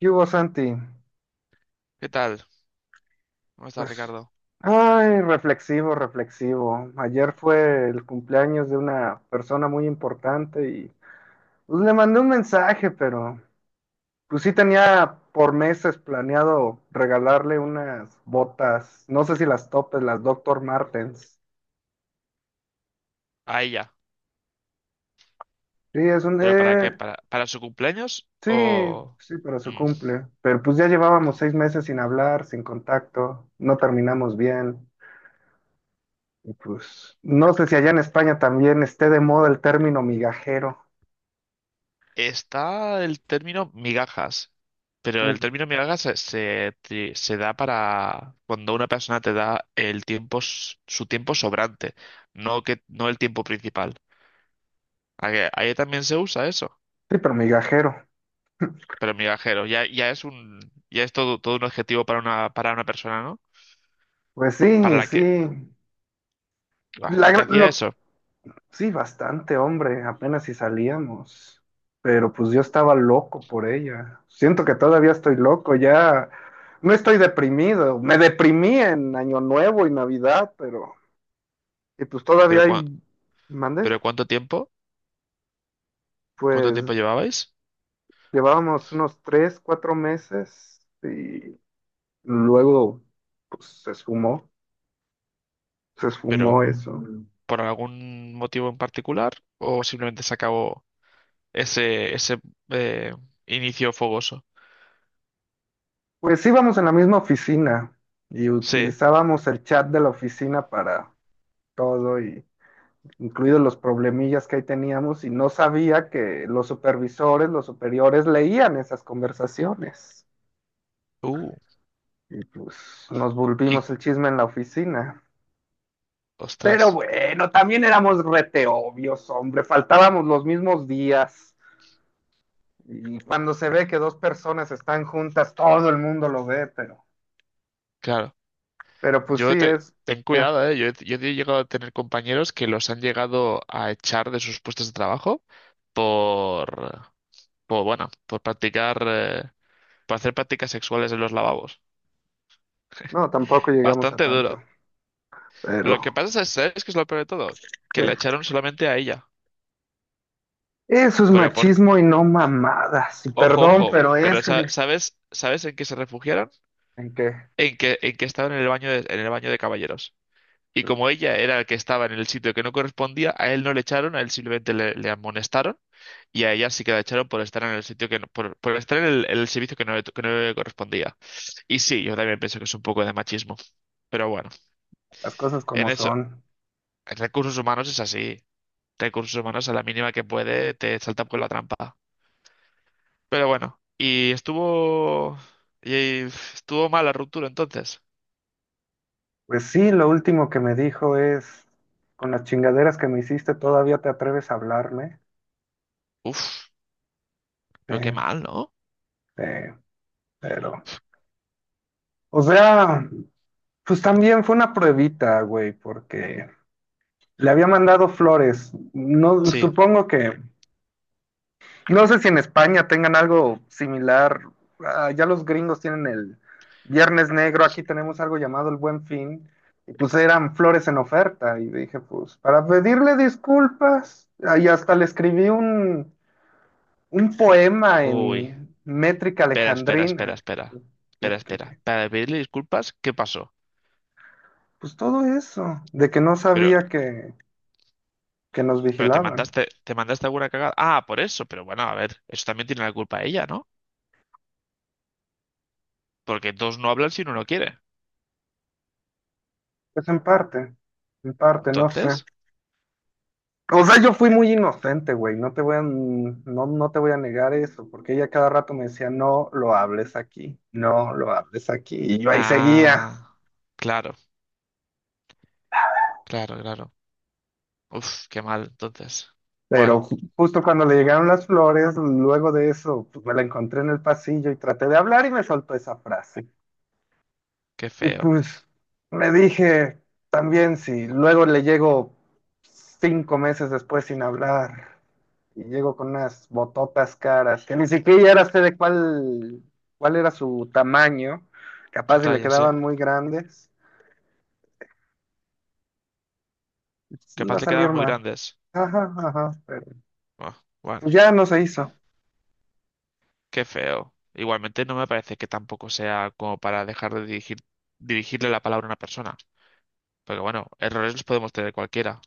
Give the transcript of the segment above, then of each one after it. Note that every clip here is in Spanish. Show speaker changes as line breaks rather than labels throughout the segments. ¿Qué hubo, Santi?
¿Qué tal? ¿Cómo estás,
Pues,
Ricardo?
ay, reflexivo, reflexivo. Ayer fue el cumpleaños de una persona muy importante y pues, le mandé un mensaje, pero pues sí tenía por meses planeado regalarle unas botas, no sé si las topes, las Doctor Martens.
A ella.
Sí,
¿Pero para qué? Para su cumpleaños?
sí,
¿O...?
sí, pero se
Mm.
cumple. Pero pues ya llevábamos 6 meses sin hablar, sin contacto, no terminamos bien. Y pues, no sé si allá en España también esté de moda el término migajero.
Está el término migajas. Pero el
Mm.
término migajas se da para cuando una persona te da el tiempo, su tiempo sobrante, no que, no el tiempo principal. Ahí también se usa eso.
Sí, pero migajero.
Pero migajero, ya es un, ya es todo, todo un adjetivo para una persona, ¿no?
Pues
Para
sí,
la que,
sí.
ah,
La
y te
gra-
hacía
lo-
eso.
sí, bastante, hombre, apenas si salíamos. Pero pues yo estaba loco por ella. Siento que todavía estoy loco, ya no estoy deprimido. Me deprimí en Año Nuevo y Navidad, pero... Y pues
Pero,
todavía hay...
cua-
¿Mandé?
pero ¿cuánto tiempo? ¿Cuánto
Pues
tiempo llevabais?
llevábamos unos 3, 4 meses. Luego, pues se
Pero
esfumó eso.
por algún motivo en particular o simplemente se acabó ese, ese eh, inicio fogoso.
Pues íbamos en la misma oficina y
Sí.
utilizábamos el chat de la oficina para todo, y incluidos los problemillas que ahí teníamos, y no sabía que los supervisores, los superiores leían esas conversaciones.
Uh,
Y pues nos
y
volvimos el chisme en la oficina. Pero
ostras,
bueno, también éramos rete obvios, hombre, faltábamos los mismos días. Y cuando se ve que dos personas están juntas, todo el mundo lo ve, pero,
claro.
pero pues sí es.
Ten
eh,
cuidado, ¿eh? Yo he llegado a tener compañeros que los han llegado a echar de sus puestos de trabajo por, por bueno, por practicar, eh, por hacer prácticas sexuales en los lavabos.
no, tampoco llegamos a
Bastante
tanto.
duro. Lo que
Pero
pasa es, ¿sabes qué es lo peor de todo? Que
¿qué?
la echaron solamente a ella.
Eso es
Pero por,
machismo y no mamadas. Y
Ojo,
perdón,
ojo,
pero eso
¿sabes, sabes en qué se refugiaron?
en que
En que estaban en el baño de, en el baño de caballeros. Y como ella era el que estaba en el sitio que no correspondía, a él no le echaron, a él simplemente le amonestaron y a ella sí que la echaron por estar en el sitio que no- por estar en el servicio que no le correspondía. Y sí, yo también pienso que es un poco de machismo, pero bueno,
las cosas
en
como
eso,
son.
en recursos humanos es así. Recursos humanos a la mínima que puede te saltan por la trampa. Pero bueno, y estuvo. Y estuvo mal la ruptura entonces.
Pues sí, lo último que me dijo es, con las chingaderas que me hiciste, todavía te atreves a hablarme.
Uf,
Sí,
pero qué mal, ¿no?
sí, pero, o sea, pues también fue una pruebita, güey, porque le había mandado flores. No,
Sí.
supongo que. No sé si en España tengan algo similar. Ah, ya los gringos tienen el Viernes Negro. Aquí tenemos algo llamado el Buen Fin. Y pues eran flores en oferta. Y dije, pues, para pedirle disculpas. Ah, y hasta le escribí un poema
Uy.
en métrica
Espera, espera, espera,
alejandrina.
espera. Espera,
¿Qué, qué,
espera.
qué?
Para pedirle disculpas, ¿qué pasó?
Pues todo eso. De que no
Pero,
sabía que nos
pero
vigilaban.
te mandaste alguna cagada. Ah, por eso, pero bueno, a ver, eso también tiene la culpa ella, ¿no? Porque dos no hablan si uno no quiere.
Pues en parte. En parte, no sé.
Entonces.
O sea, yo fui muy inocente, güey, no te voy a, no, no te voy a negar eso, porque ella cada rato me decía, no lo hables aquí, no lo hables aquí, y yo ahí seguía.
Ah, claro, claro, claro. Uf, qué mal, entonces.
Pero
Bueno,
justo cuando le llegaron las flores, luego de eso, pues, me la encontré en el pasillo y traté de hablar y me soltó esa frase.
qué
Y
feo.
pues me dije, también si luego le llego 5 meses después sin hablar, y llego con unas bototas caras, que ni siquiera era sé de cuál era su tamaño.
Su
Capaz si le
talla, sí.
quedaban muy grandes, pues iba
Capaz
a
le
salir
quedaban muy
mal.
grandes.
Ajá, ajá, pero
Ah,
pues
bueno.
ya no se hizo.
Qué feo. Igualmente no me parece que tampoco sea como para dejar de dirigir, dirigirle la palabra a una persona. Porque bueno, errores los podemos tener cualquiera.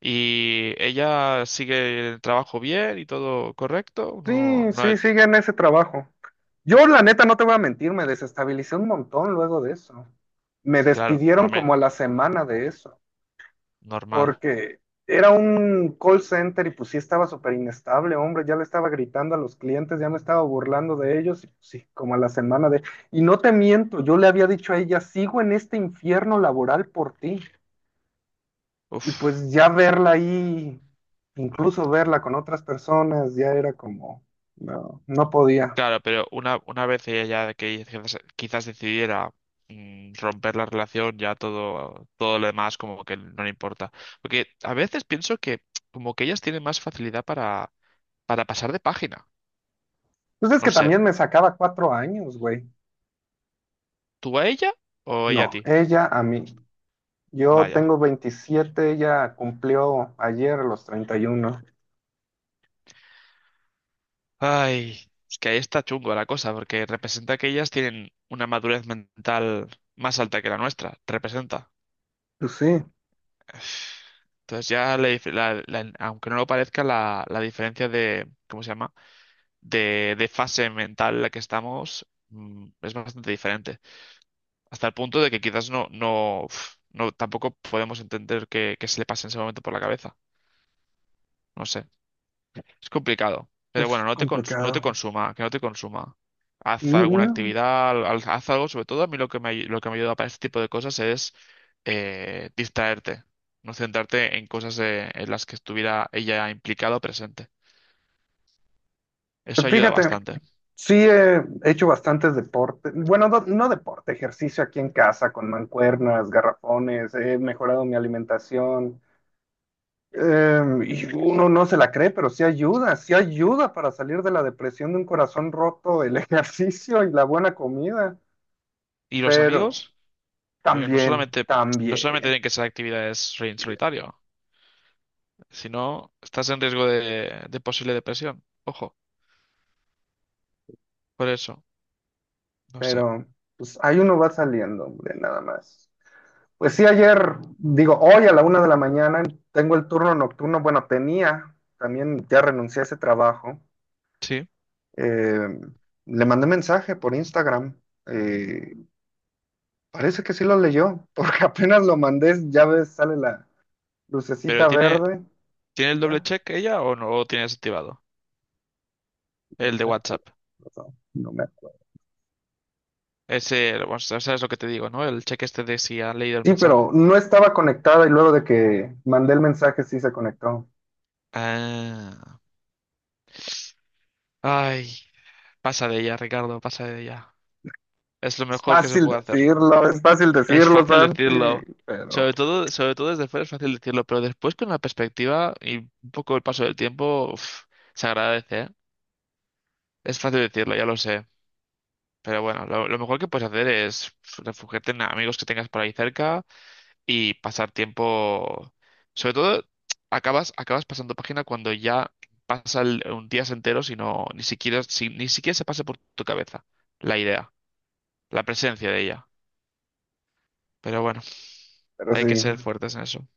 ¿Y ella sigue el trabajo bien y todo correcto?
Sí, sí, sigue en ese trabajo. Yo, la neta, no te voy a mentir, me desestabilicé un montón luego de eso. Me
Claro,
despidieron
no, me,
como a la semana de eso.
normal.
Porque era un call center y pues sí estaba súper inestable, hombre, ya le estaba gritando a los clientes, ya me estaba burlando de ellos, y pues, sí, como a la semana de... Y no te miento, yo le había dicho a ella, sigo en este infierno laboral por ti, y
Uf,
pues ya verla ahí, incluso verla con otras personas, ya era como, no, no podía.
claro, pero una vez ella, ya que quizás, quizás decidiera romper la relación, ya todo, todo lo demás como que no le importa. Porque a veces pienso que como que ellas tienen más facilidad para pasar de página.
Pues es
No
que
sé,
también me sacaba 4 años, güey.
¿tú a ella o ella a
No,
ti?
ella a mí. Yo
Vaya.
tengo 27. Ella cumplió ayer los 31.
Ay, es que ahí está chungo la cosa, porque representa que ellas tienen una madurez mental más alta que la nuestra. Representa.
Pues sí,
Entonces ya, le dif- la- la- aunque no lo parezca, la diferencia de, ¿cómo se llama? De fase mental en la que estamos es bastante diferente. Hasta el punto de que quizás no, no, uf, no tampoco podemos entender qué, qué se le pasa en ese momento por la cabeza. No sé. Es complicado. Pero bueno,
es
no te
complicado.
consuma, que no te consuma. Haz alguna
No,
actividad, haz algo. Sobre todo a mí lo que me, lo que me ayuda para este tipo de cosas es distraerte, no centrarte en cosas en las que estuviera ella implicada o presente. Eso
pues
ayuda
fíjate,
bastante.
sí he hecho bastantes deportes. Bueno, no, no deporte, ejercicio aquí en casa con mancuernas, garrafones, he mejorado mi alimentación. Y uno no se la cree, pero sí ayuda para salir de la depresión de un corazón roto, el ejercicio y la buena comida.
¿Y los
Pero
amigos? Porque no
también,
solamente, no solamente
también,
tienen que ser actividades en solitario, sino estás en riesgo de posible depresión. Ojo, por eso, no sé.
pero pues ahí uno va saliendo, hombre, nada más. Pues sí, ayer, digo, hoy a la 1 de la mañana tengo el turno nocturno. Bueno, tenía, también ya renuncié a ese trabajo.
Sí.
Eh, Le mandé mensaje por Instagram. Eh, Parece que sí lo leyó, porque apenas lo mandé, ya ves, sale la
¿Pero
lucecita
tiene,
verde.
tiene el doble
Ah,
check ella o no lo tiene desactivado? El de
ah,
WhatsApp.
pasó, no me-
Ese, bueno, sabes lo que te digo, ¿no? El cheque este de si ha leído el
Sí, pero
mensaje.
no estaba conectada y luego de que mandé el mensaje sí se conectó.
Ah. Ay, pasa de ella, Ricardo, pasa de ella. Es lo mejor que se puede hacer.
Es fácil
Es
decirlo,
fácil
Santi,
decirlo.
pero,
Sobre todo desde fuera es fácil decirlo, pero después con la perspectiva y un poco el paso del tiempo, uf, se agradece, ¿eh? Es fácil decirlo, ya lo sé. Pero bueno, lo mejor que puedes hacer es refugiarte en amigos que tengas por ahí cerca y pasar tiempo. Sobre todo, acabas, acabas pasando página cuando ya un días enteros y no, ni siquiera, ni siquiera se pase por tu cabeza la idea, la presencia de ella. Pero bueno,
pero
hay que
sí.
ser fuertes en eso.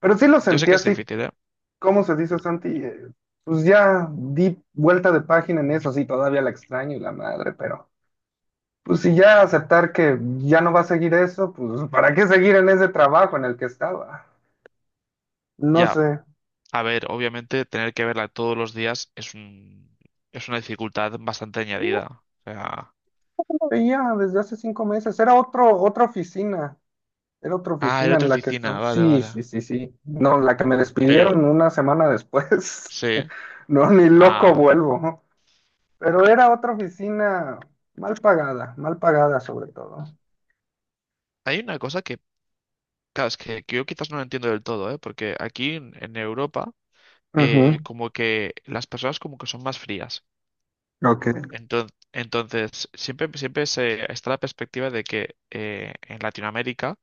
Pero sí lo
Yo sé
sentí
que es
así.
difícil, ¿eh?
¿Cómo se dice, Santi? Pues ya di vuelta de página en eso, sí, todavía la extraño y la madre, pero pues si ya aceptar que ya no va a seguir eso, pues ¿para qué seguir en ese trabajo en el que estaba? No
Ya,
sé.
a ver, obviamente tener que verla todos los días es un, es una dificultad bastante añadida. O sea,
No veía desde hace 5 meses, era otro, otra oficina, era otra
ah, era
oficina
otra
en la que
oficina,
estaba.
vale,
Sí,
vale.
sí, sí, sí. No, la que me
Pero,
despidieron una semana después.
sí,
No, ni
ah,
loco
vale.
vuelvo. Pero era otra oficina mal pagada sobre todo.
Hay una cosa que claro, es que yo quizás no lo entiendo del todo, ¿eh? Porque aquí en Europa,
Ujú.
como que las personas como que son más frías.
Ok.
Entonces, entonces siempre, siempre se, está la perspectiva de que en Latinoamérica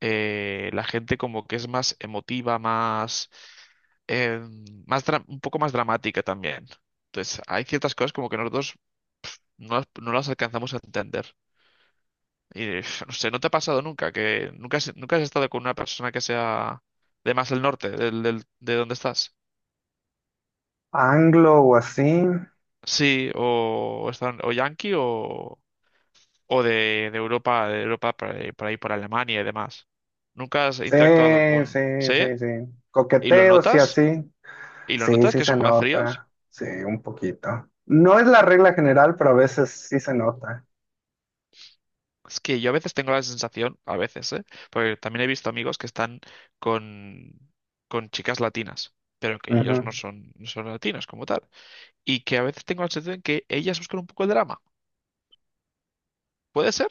la gente como que es más emotiva, más, eh, un poco más dramática también. Entonces, hay ciertas cosas como que nosotros no, no las alcanzamos a entender. Y uf, no sé, ¿no te ha pasado nunca que nunca has, nunca has estado con una persona que sea de más el norte, de donde estás?
Anglo o así.
Sí, o, están, o yanqui o de Europa por ahí, por ahí, por Alemania y demás. ¿Nunca has
Sí,
interactuado con...
sí,
¿Sí?
sí, sí.
¿Y lo
Coqueteo, sí,
notas?
así.
¿Y lo
Sí,
notas
sí
que
se
son más fríos?
nota. Sí, un poquito. No es la regla general, pero a veces sí se nota.
Es que yo a veces tengo la sensación, a veces, ¿eh? Porque también he visto amigos que están con, con chicas latinas, pero que ellos no
Ujú.
son, no son latinos como tal. Y que a veces tengo la sensación de que ellas buscan un poco el drama. ¿Puede ser?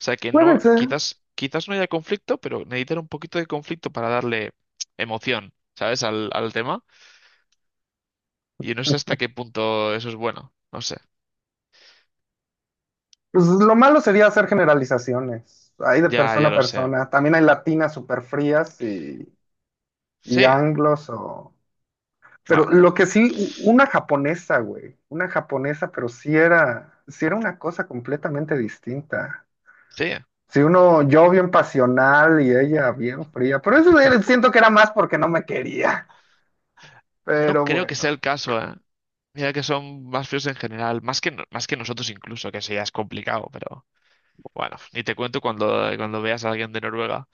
O sea, que no,
Puede ser.
quizás, quizás no haya conflicto, pero necesitan un poquito de conflicto para darle emoción, ¿sabes? Al, al tema. Y no sé hasta qué punto eso es bueno. No sé.
Pues lo malo sería hacer generalizaciones. Hay de
Ya,
persona
ya
a
lo sé.
persona. También hay latinas súper frías y
Sí,
anglos o... Pero
bueno,
lo que sí, una japonesa, güey. Una japonesa, pero sí era una cosa completamente distinta.
sí.
Si uno, yo bien pasional y ella bien fría, pero siento que era más porque no me quería.
No
Pero
creo que
bueno,
sea el caso, ¿eh? Mira que son más fríos en general, más que, más que nosotros incluso, que eso ya es complicado, pero bueno, ni te cuento cuando, cuando veas a alguien de Noruega,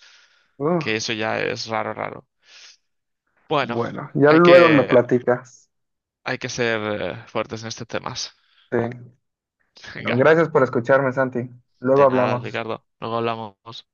que
uf,
eso ya es raro, raro. Bueno,
bueno, ya
hay
luego me
que,
platicas.
hay que ser fuertes en estos temas.
Sí. Bueno,
Venga,
gracias por escucharme, Santi. Luego
de nada,
hablamos.
Ricardo. Luego hablamos.